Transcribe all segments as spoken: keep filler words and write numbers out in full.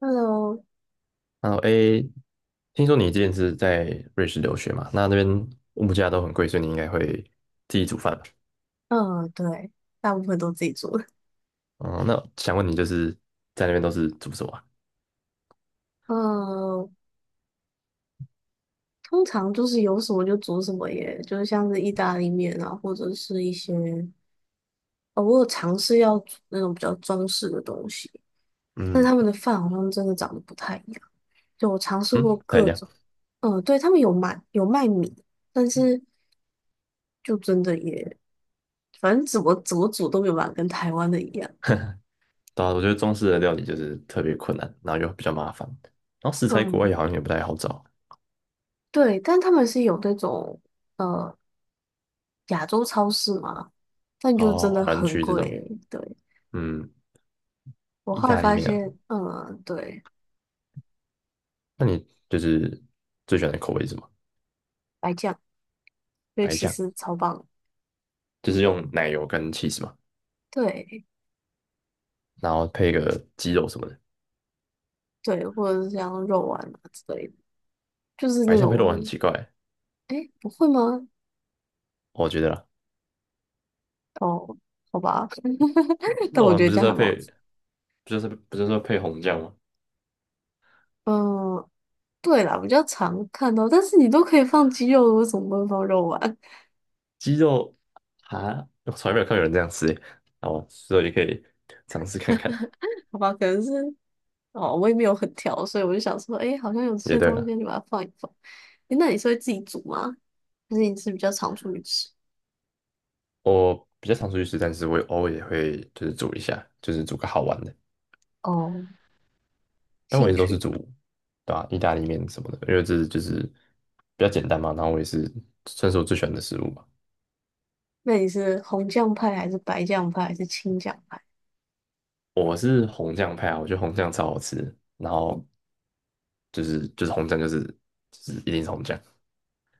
Hello，然后 a 听说你之前是在瑞士留学嘛？那那边物价都很贵，所以你应该会自己煮饭吧？呃，对，大部分都自己做。哦，那想问你，就是在那边都是煮什么啊？嗯，通常就是有什么就煮什么耶，就是像是意大利面啊，或者是一些，哦，我有尝试要煮那种比较中式的东西，但是嗯他们的饭好像真的长得不太一样。就我尝试过嗯，不太一各样。种，嗯、对，他们有卖有卖米，但是就真的也，反正怎么怎么煮都没有办法跟台湾的一样。对啊，我觉得中式的料理就是特别困难，然后又比较麻烦，然后食材国外嗯，也好像也不太好找。对，但他们是有那种。呃亚洲超市嘛，但就哦，真的华人很区这贵种，欸对，嗯，我意后来大利发面啊，现，嗯，对，那你就是最喜欢的口味是什么？白酱，就白其酱，实超棒。就是用奶油跟 cheese 嘛，对然后配个鸡肉什么的。对，或者是像肉丸啊之类的，就是白那酱配肉很种，奇怪，诶，不会吗？我觉得啦。哦，好吧，但肉我觉丸得不就这是样要还蛮配，好吃。不就是不就是要配红酱吗？嗯，对啦，比较常看到，但是你都可以放鸡肉，为什么不能放肉丸？鸡肉啊，我从来没有看有人这样吃耶。哦，所以你可以尝试看看。好吧，可能是哦，我也没有很挑，所以我就想说，哎，好像有这也些对东了。西，你把它放一放。哎，那你是会自己煮吗？还是你是比较常出去吃？我比较常出去吃，但是我偶尔也会就是煮一下，就是煮个好玩的。哦，但我一兴直都是趣。煮，对吧、意大利面什么的，因为这是就是比较简单嘛。然后我也是算是我最喜欢的食物吧。那你是红酱派还是白酱派还是青酱派？我是红酱派啊，我觉得红酱超好吃。然后就是就是红酱就是就是一定是红酱。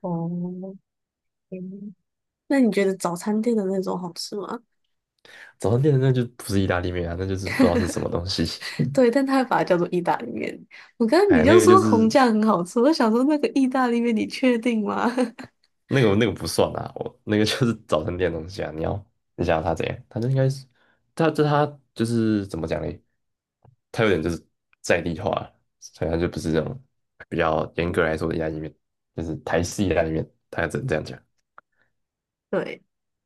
哦，嗯那你觉得早餐店的那种好吃吗？早餐店的那就不是意大利面啊，那就是不知道是什么东西。对，但他会把它叫做意大利面。我刚 刚你哎，就那个就说红是酱很好吃，我就想说那个意大利面你确定吗？那个那个不算啊，我那个就是早餐店的东西啊。你要你想要它怎样？它就应该是，它这它就是怎么讲嘞？它有点就是在地化了，所以它就不是这种比较严格来说的意大利面，就是台式意大利面，它只能这样讲。对，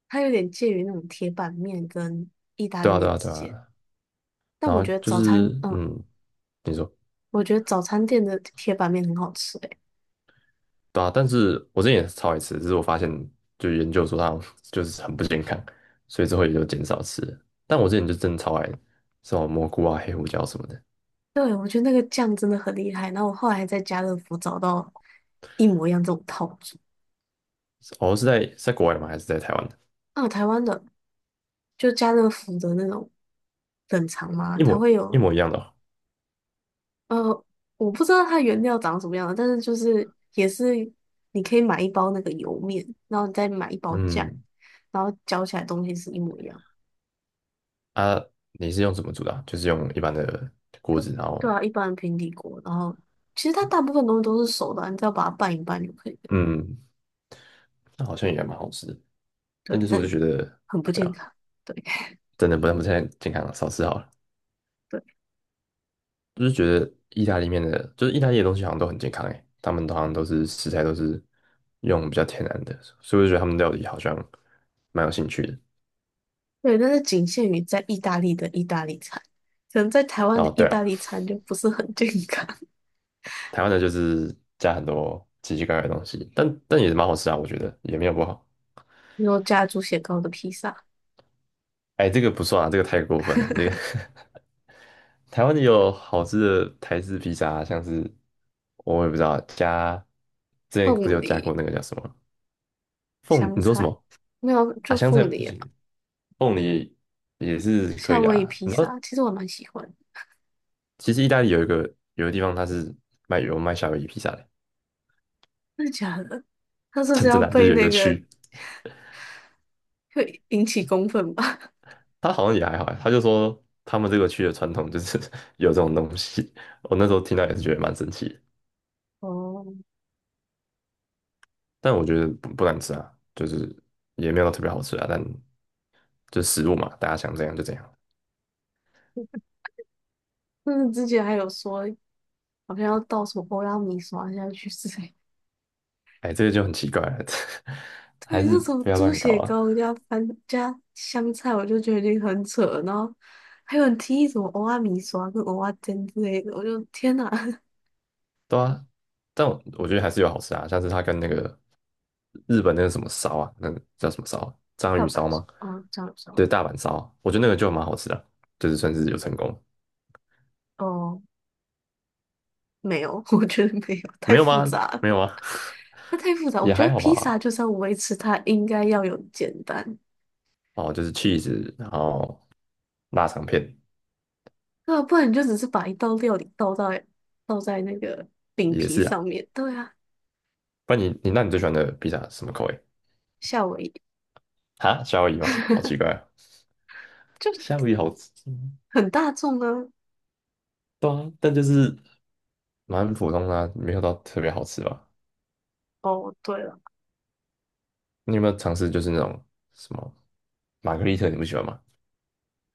它有点介于那种铁板面跟意大利对啊，对面啊，之对间。啊。但然我后觉得就早餐，是嗯、嗯，你说。我觉得早餐店的铁板面很好吃诶、对啊，但是我之前也是超爱吃，只是我发现就研究说它好像就是很不健康，所以之后也就减少吃了。但我之前就真的超爱什么蘑菇啊、黑胡椒什么的。对，我觉得那个酱真的很厉害。然后我后来还在家乐福找到一模一样这种套组，哦，是在是在国外吗？还是在台湾的？啊，台湾的就家乐福的那种冷藏嘛，一它模会一有模一样的哦。呃，我不知道它原料长什么样的但是就是也是你可以买一包那个油面，然后你再买一包酱，嗯。然后搅起来东西是一模一样。啊，你是用什么煮的啊，就是用一般的锅就子，然对后啊，一般的平底锅，然后其实它大部分东西都是熟的啊你只要把它拌一拌就可以了。嗯，那好像也蛮好吃的。对，但就是但我就觉得，很不对健啊，康。对真的不能不太健康了，少吃好了。对意大利面的，就是意大利的东西好像都很健康诶，他们好像都是食材都是用比较天然的，所以我就觉得他们料理好像蛮有兴趣的。对，但是仅限于在意大利的意大利餐，可能在台湾的哦。意对大了，利餐就不是很健康。台湾的就是加很多奇奇怪怪的东西，但但也是蛮好吃啊，我觉得也没有不好。然后加猪血糕的披萨、哎，这个不算啊，这个太过分了。这个 台湾的有好吃的台式披萨啊，像是我也不知道加之前不是凤有加过梨那个叫什么凤，香你说什菜，么没有啊？就香菜凤不梨啊，行，凤梨也是可夏以威夷啊。披你知道萨，其实我蛮喜欢的。其实意大利有一个有个地方，它是卖有卖夏威夷披萨的，真的假的？他这是真真要的啊，就被是有一那个个区，会引起公愤吧？它好像也还好啊，他就说他们这个区的传统就是 有这种东西。我那时候听到也是觉得蛮神奇的。 哦，但我觉得不不难吃啊，就是也没有特别好吃啊，但就食物嘛，大家想怎样就怎样。但是之前还有说好像要倒什么欧拉米刷下去之类哎，这个就很奇怪了，还对，是那种不要猪乱搞血啊。糕加番加香菜，我就觉得已经很扯了。然后还有人提议什么欧仔米刷跟欧仔煎之类的，我就天哪！对啊，但我我觉得还是有好吃啊，像是它跟那个日本那个什么烧啊，那个叫什么烧啊？章大鱼阪烧是吗？哦，这样对，说大阪烧啊，我觉得那个就蛮好吃的，就是算是有成功。哦，哦没有，我觉得没有，太没有复吗？杂了，没有啊，那太复杂。我也觉得还好披萨吧。就是要维持它应该要有简单，哦，就是 cheese,然后腊肠片对啊，不然你就只是把一道料理倒在倒在那个饼也皮是啊。上面，对啊，不然你你那你最喜欢的披萨是什么口味？夏威夷 啊，夏威夷吗？好奇 怪啊。夏就威夷好吃，嗯。很大众啊。对啊，但就是蛮普通的啊，没有到特别好吃吧。哦，对了。你有没有尝试就是那种什么玛格丽特？你不喜欢吗？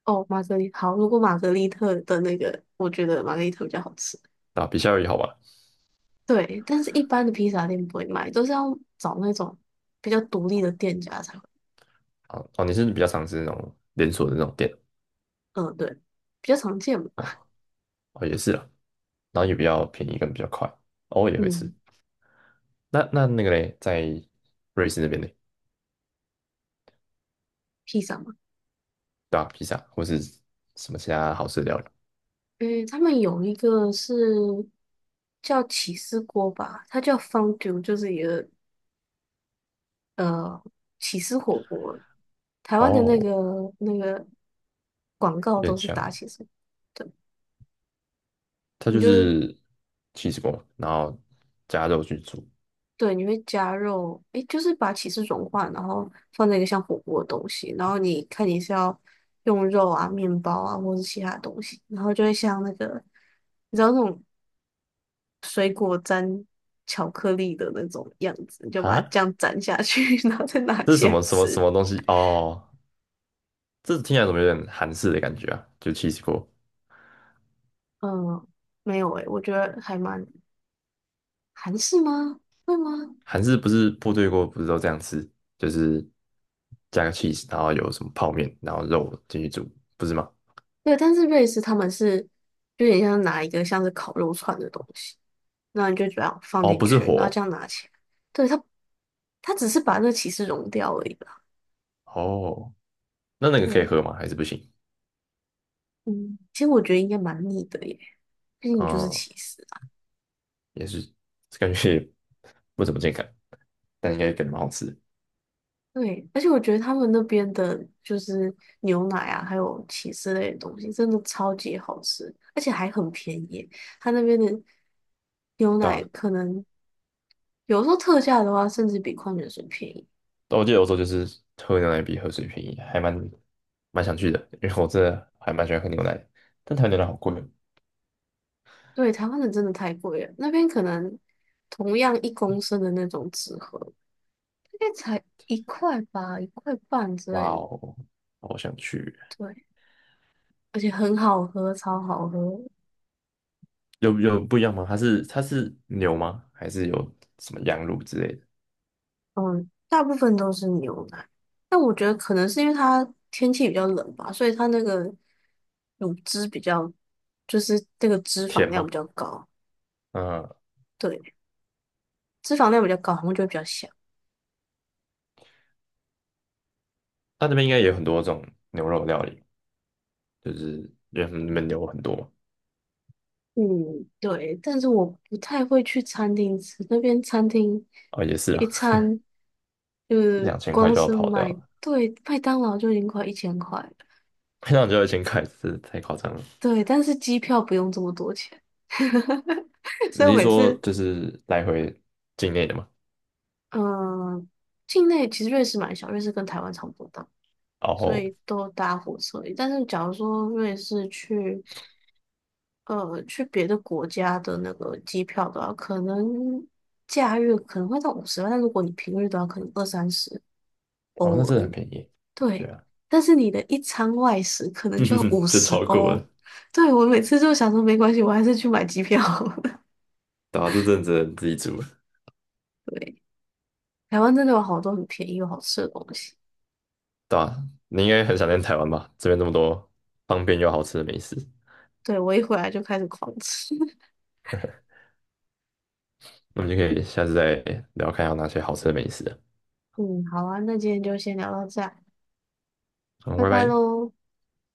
哦，玛格丽好，如果玛格丽特的那个，我觉得玛格丽特比较好吃。啊，比夏威夷好吧。对，但是一般的披萨店不会卖，都是要找那种比较独立的店家才会。啊，哦，你是比较尝试那种连锁的那种店。嗯，对，比较常见嘛。哦，也是啦，然后也比较便宜跟比较快。偶尔也会吃。嗯，那那那个嘞，在瑞士那边嘞，披萨嘛，对吧、披萨或是什么其他好吃的料理？嗯，他们有一个是叫起司锅吧，它叫 fondue，就是一个呃起司火锅。台湾的那哦，个那个广告有都点是像，打起司，对，它你就就是是 c h e e 起司锅，然后加肉去煮。对，你会加肉，诶，就是把起司融化，然后放在一个像火锅的东西，然后你看你是要用肉啊、面包啊，或是其他东西，然后就会像那个，你知道那种水果沾巧克力的那种样子，你就把它哈，这样沾下去，然后再拿这是起什来么什么吃。什么东西？哦，这听起来怎么有点韩式的感觉啊？就 c h e e 起司锅。嗯，没有诶，我觉得还蛮韩式吗？会吗？韩式不是部队锅，不是都这样吃，就是加个 cheese,然后有什么泡面，然后肉进去煮，不是吗？对，但是瑞士他们是就有点像拿一个像是烤肉串的东西，那你就这样放哦，进不是去，然后这火。样拿起来。对，它，它只是把那个起司融掉而已啦。哦，那那个可以对，喝吗？还是不行？嗯，其实我觉得应该蛮腻的耶，毕竟就是哦，起司啊。也是，感觉也不怎么健康，但应该感觉蛮好吃的。对，而且我觉得他们那边的就是牛奶啊，还有起司类的东西，真的超级好吃，而且还很便宜。他那边的牛对奶吧、可能有时候特价的话，甚至比矿泉水便宜。但我记得欧洲就是喝牛奶比喝水便宜，还蛮蛮想去的，因为我真的还蛮喜欢喝牛奶的，但台湾牛奶好贵哦。对，台湾的真的太贵了，那边可能同样一公升的那种纸盒，大概才一块吧，一块半之类哇的。哦，好想去。对，而且很好喝，超好喝。有有不一样吗？它是它是牛吗？还是有什么羊乳之类的？嗯，大部分都是牛奶，但我觉得可能是因为它天气比较冷吧，所以它那个乳汁比较，就是那个脂肪甜量吗？比较高。嗯，对，脂肪量比较高，然后就会比较香。它那边应该也有很多这种牛肉料理，就是因为他们那边牛很多嘛。嗯，对，但是我不太会去餐厅吃，那边餐厅哦，也是一啊，餐就 一是两千块光就要是跑掉买，了，对，麦当劳就已经快一千块了，一两千块就一千块，这太夸张了。对，但是机票不用这么多钱，所以你我是每说次就是来回境内的吗？嗯，境内其实瑞士蛮小，瑞士跟台湾差不多大，然所后以都搭火车。但是假如说瑞士去，呃，去别的国家的那个机票的话，可能假日可能会到五十万，但如果你平日的话，可能二三十哦，欧那真而的很已。便宜。对对，啊，但是你的一餐外食可能就要五 就十超过欧。了。对，我每次就想说没关系，我还是去买机票。对啊，这阵子自己煮了。对，台湾真的有好多很便宜又好吃的东西。对啊，你应该很想念台湾吧？这边这么多方便又好吃的美食。对，我一回来就开始狂吃。那我们就可以下次再聊，看有哪些好吃的美食了。嗯，好啊，那今天就先聊到这儿，好，拜拜拜拜。喽。